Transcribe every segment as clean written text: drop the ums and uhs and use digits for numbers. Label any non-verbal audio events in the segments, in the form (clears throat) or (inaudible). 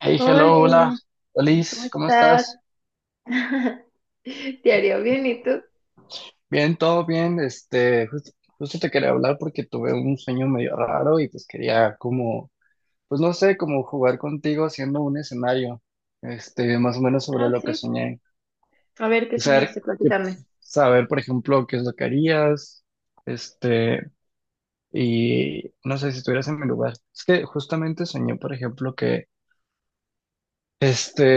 Hey, Hola, hello, hola, ¿cómo Alice, ¿cómo estás? estás? (laughs) Diario, bien, ¿y tú? Bien, todo bien. Justo te quería hablar porque tuve un sueño medio raro y pues quería como, pues no sé, como jugar contigo haciendo un escenario, más o menos sobre Ah, lo que sí. soñé. A ver, ¿qué O sea, soñaste? que- Platícame. saber, por ejemplo, qué es lo que harías, este, y no sé si estuvieras en mi lugar. Es que justamente soñé, por ejemplo, este,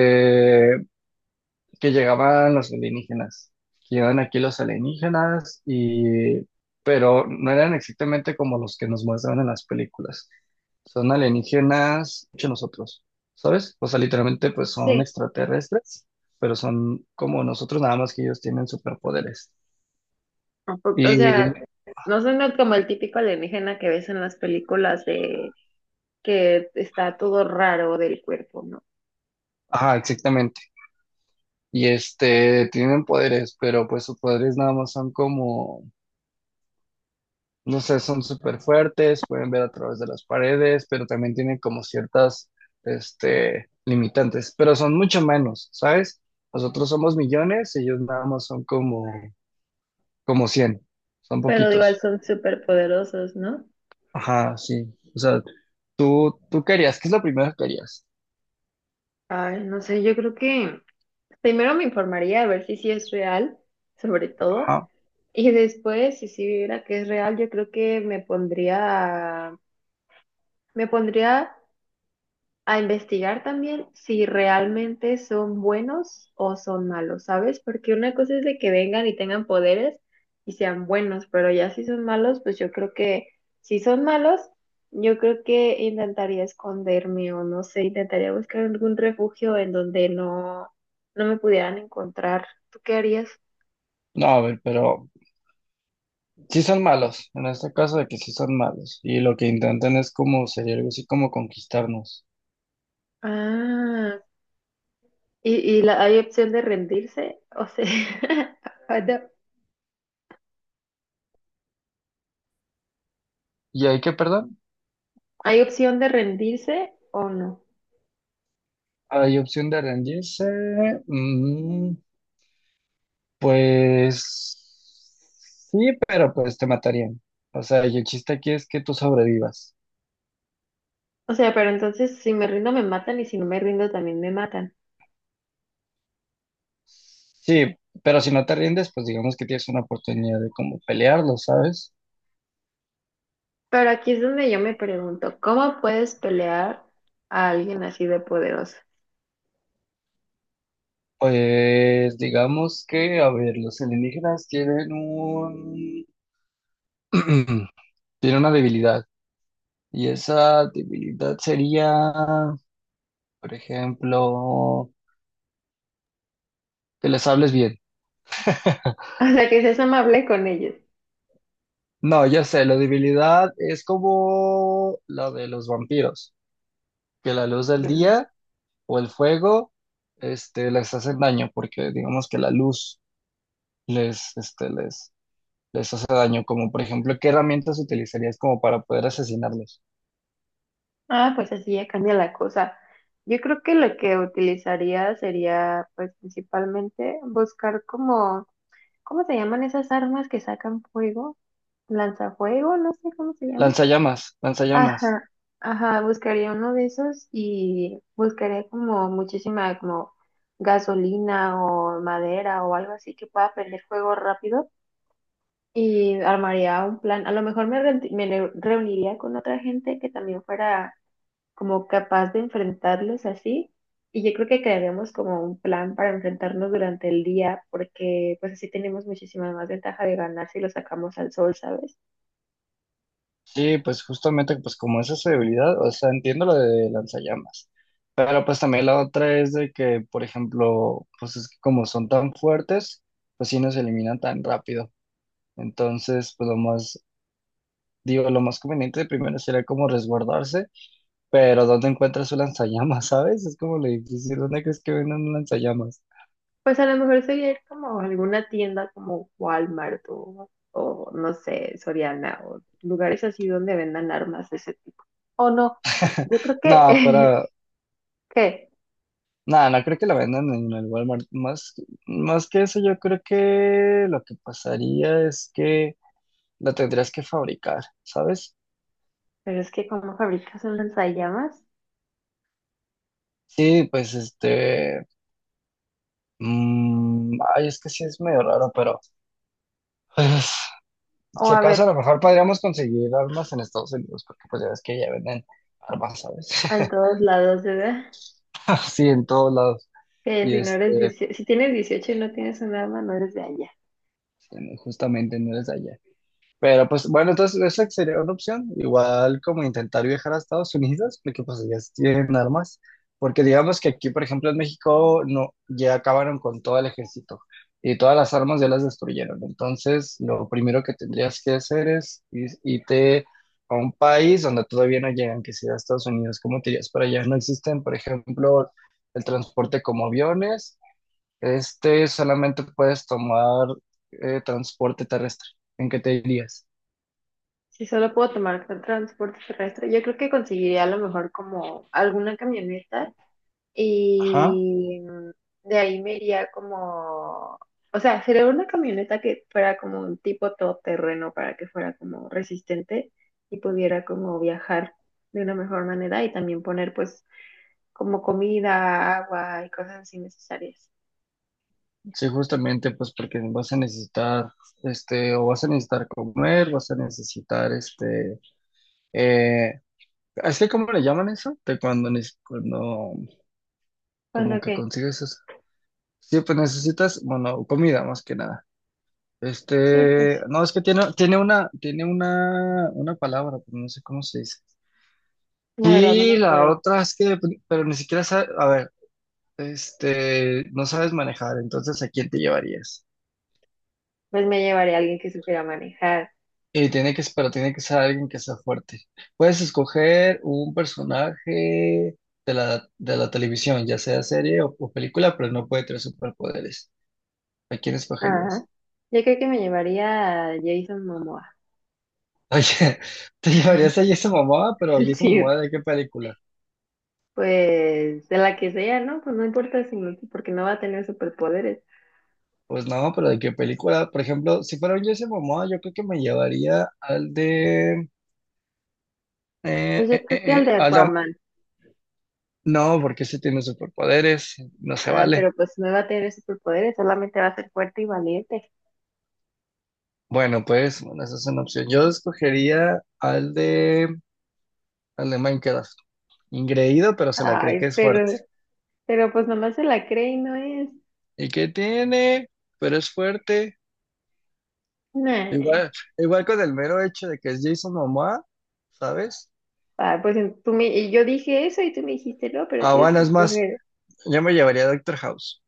que llegaban los alienígenas, que llegaban aquí los alienígenas y pero no eran exactamente como los que nos muestran en las películas. Son alienígenas hecho nosotros, ¿sabes? O sea, literalmente pues son Sí. extraterrestres, pero son como nosotros, nada más que ellos tienen superpoderes. ¿A poco- o sea, Y, no suena como el típico alienígena que ves en las películas de que está todo raro del cuerpo, ¿no? ajá, exactamente. Y tienen poderes, pero pues sus poderes nada más son como. No sé, son súper fuertes, pueden ver a través de las paredes, pero también tienen como ciertas, limitantes, pero son mucho menos, ¿sabes? Nosotros somos millones, ellos nada más son como, cien, son Pero igual poquitos. son súper poderosos, ¿no? Ajá, sí. O sea, tú querías, ¿qué es lo primero que harías? Ay, no sé, yo creo que primero me informaría a ver si sí es real, sobre todo, Ajá. y después, si sí viera que es real, yo creo que me pondría a investigar también si realmente son buenos o son malos, ¿sabes? Porque una cosa es de que vengan y tengan poderes y sean buenos, pero ya si son malos, pues yo creo que si son malos, yo creo que intentaría esconderme o no sé, intentaría buscar algún refugio en donde no me pudieran encontrar. ¿Tú qué harías? No, a ver, pero sí son malos, en este caso de que sí son malos, y lo que intentan es como, sería algo así como conquistarnos. Ah, y la, hay opción de rendirse, o sea, (laughs) ¿Y hay que, perdón? ¿hay opción de rendirse o no? Hay opción de rendirse. mm, Pues sí, pero pues te matarían. O sea, y el chiste aquí es que tú sobrevivas. O sea, pero entonces si me rindo me matan y si no me rindo también me matan. Sí, pero si no te rindes, pues digamos que tienes una oportunidad de como pelearlo, ¿sabes? Pero aquí es donde yo me pregunto, ¿cómo puedes pelear a alguien así de poderoso? (laughs) Pues digamos que, a ver, los alienígenas tienen un, (clears throat) tienen una debilidad. Y esa debilidad sería, por ejemplo, que les hables bien. (laughs) O sea, que seas amable con ellos. No, ya sé, la debilidad es como la de los vampiros. Que la luz del Mm. día o el fuego les hacen daño, porque digamos que la luz les, este, les, les hace daño, como por ejemplo, ¿qué herramientas utilizarías como para poder asesinarlos? Ah, pues así ya cambia la cosa. Yo creo que lo que utilizaría sería, pues principalmente, buscar como, ¿cómo se llaman esas armas que sacan fuego? Lanzafuego, no sé cómo se llaman. Lanzallamas, lanzallamas. Ajá, ajá, buscaría uno de esos y buscaría como muchísima como gasolina o madera o algo así que pueda prender fuego rápido y armaría un plan. A lo mejor reuniría con otra gente que también fuera como capaz de enfrentarlos así y yo creo que crearíamos como un plan para enfrentarnos durante el día porque pues así tenemos muchísima más ventaja de ganar si lo sacamos al sol, ¿sabes? Sí, pues justamente pues como esa es su debilidad, o sea, entiendo lo de lanzallamas. Pero pues también la otra es de que, por ejemplo, pues es que como son tan fuertes, pues sí nos eliminan tan rápido. Entonces, pues lo más, digo, lo más conveniente primero sería como resguardarse. Pero ¿dónde encuentras un lanzallamas, (laughs) sabes? Es como le difícil. ¿Dónde crees que venden un lanzallamas? Pues a lo mejor sería ir como a alguna tienda como Walmart o no sé, Soriana o lugares así donde vendan armas de ese tipo. O no, (laughs) yo creo No, que, pero. (laughs) ¿qué? No, no creo que lo vendan en el Walmart. Más que eso, yo creo que lo que pasaría es que lo tendrías que fabricar, ¿sabes? Pero es que cómo fabricas un lanzallamas. Sí, pues ay, es que sí es medio raro, pero pues, O si a ver, acaso a lo mejor podríamos conseguir armas en Estados Unidos, porque pues ya ves que ya venden armas, en ¿sabes? todos lados, ¿verdad? (laughs) Sí, en todos lados. Que Y si no eres 18, si tienes 18 y no tienes un arma, no eres de allá. justamente no eres de allá. Pero pues bueno, entonces esa sería una opción, igual como intentar viajar a Estados Unidos, porque pues ellas tienen armas, porque digamos que aquí, por ejemplo, en México no, ya acabaron con todo el ejército y todas las armas ya las destruyeron. Entonces, lo primero que tendrías que hacer es irte a un país donde todavía no llegan, que sea Estados Unidos. ¿Cómo te irías para allá? No existen, por ejemplo, el transporte como aviones, solamente puedes tomar transporte terrestre. ¿En qué te irías? Si solo puedo tomar transporte terrestre, yo creo que conseguiría a lo mejor como alguna camioneta. Ajá. Y de ahí me iría como, o sea, sería una camioneta que fuera como un tipo todoterreno para que fuera como resistente y pudiera como viajar de una mejor manera y también poner pues como comida, agua y cosas así necesarias. Sí, justamente pues porque vas a necesitar, o vas a necesitar comer, vas a necesitar, eh, ¿es que cómo le llaman eso? De cuando, cuando, Con como lo que que, consigues eso. Sí, pues necesitas, bueno, comida más que nada. sí, pues No, es que tiene, tiene una palabra, pero no sé cómo se dice. la verdad no me Y la acuerdo. otra es que, pero ni siquiera sabe, a ver, no sabes manejar, entonces ¿a quién te llevarías? Pues me llevaría a alguien que supiera manejar. Y tiene que, pero tiene que ser alguien que sea fuerte. Puedes escoger un personaje de la televisión, ya sea serie o película, pero no puede tener superpoderes. ¿A quién Ajá. escogerías? Yo creo que me llevaría a Jason Momoa. Oye, (laughs) ¿te llevarías a (laughs) Jason Momoa? Pero Jason Sí, Momoa, ¿de qué película? pues de la que sea, ¿no? Pues no importa si no, porque no va a tener superpoderes. Pues no, pero ¿de qué película? Por ejemplo, si fuera un Jason Momoa, yo creo que me llevaría al de... Pues eh, yo eh, creo que eh, el eh, de al de- Aquaman. No, porque ese tiene superpoderes, no se Ah, vale. pero pues no va a tener superpoderes, solamente va a ser fuerte y valiente. Bueno, pues, bueno, esa es una opción. Yo escogería al de Minecraft. Ingreído, pero se la cree que Ay, es fuerte. Pero pues nomás se la cree y no es. ¿Y qué tiene? Pero es fuerte. Nah. Igual, igual con el mero hecho de que es Jason Momoa, ¿sabes? Ah, pues en- tú me, y yo dije eso y tú me dijiste, no, pero tienes Habana que es más, escoger. yo me llevaría a Doctor House.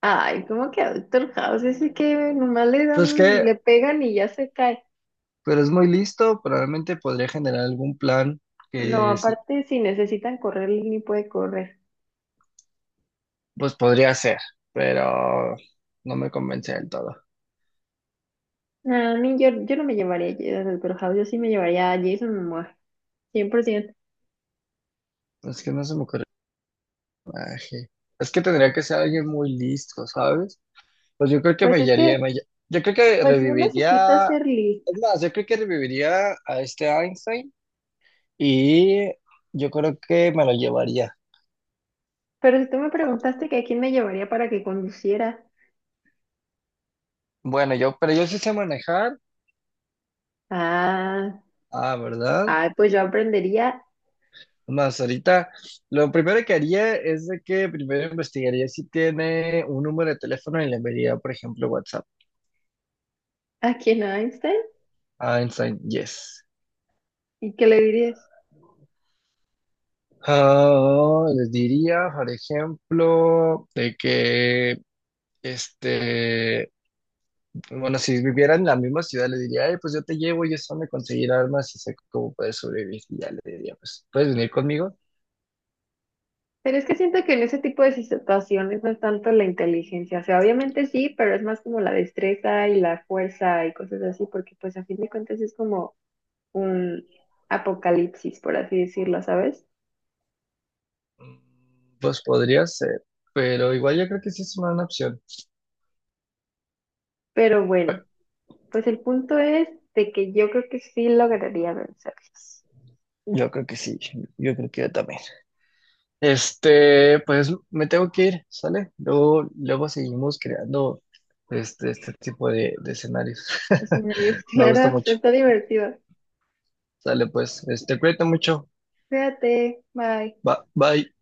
Ay, ¿cómo que Doctor House? Ese que nomás le Pues dan, que, le pegan y ya se cae. pero es muy listo, probablemente podría generar algún plan No, que sí, aparte si necesitan correr, él ni puede correr. pues podría ser, pero no me convence del todo. A mí yo no me llevaría a Jason House, yo sí me llevaría a Jason Momoa, 100%. Es que no se me ocurre. Ay, es que tendría que ser alguien muy listo, ¿sabes? Pues yo creo que me Pues es que, guiaría, yo creo que pues no necesito reviviría, ser es lista. más, yo creo que reviviría a este Einstein y yo creo que me lo llevaría. Pero si tú me preguntaste que a quién me llevaría para que conduciera, Bueno, pero yo sí sé manejar, ah, ah, ¿verdad? ah, pues yo aprendería. Más ahorita, lo primero que haría es de que primero investigaría si tiene un número de teléfono y le enviaría, por ejemplo, WhatsApp. ¿A quién? ¿A Einstein? Einstein, yes. Y qué le dirías. Ah, les diría, por ejemplo, de que Este, bueno, si viviera en la misma ciudad, le diría, "Ey, pues yo te llevo y es donde conseguir armas y sé cómo puedes sobrevivir." Y ya le diría, pues, ¿puedes venir conmigo? Pero es que siento que en ese tipo de situaciones no es tanto la inteligencia, o sea, obviamente sí, pero es más como la destreza y la fuerza y cosas así, porque pues a fin de cuentas es como un apocalipsis, por así decirlo, ¿sabes? Mm, pues podría ser, pero igual yo creo que sí es una buena opción. Pero Bueno, bueno. Pues el punto es de que yo creo que sí lograría vencerlos. yo creo que sí, yo creo que yo también. Pues me tengo que ir, ¿sale? Luego, luego seguimos creando este tipo de escenarios. Es una ideas (laughs) Me gusta claras, (laughs) mucho. está divertido. Sale, pues, cuídate mucho. Cuídate, bye. Bye.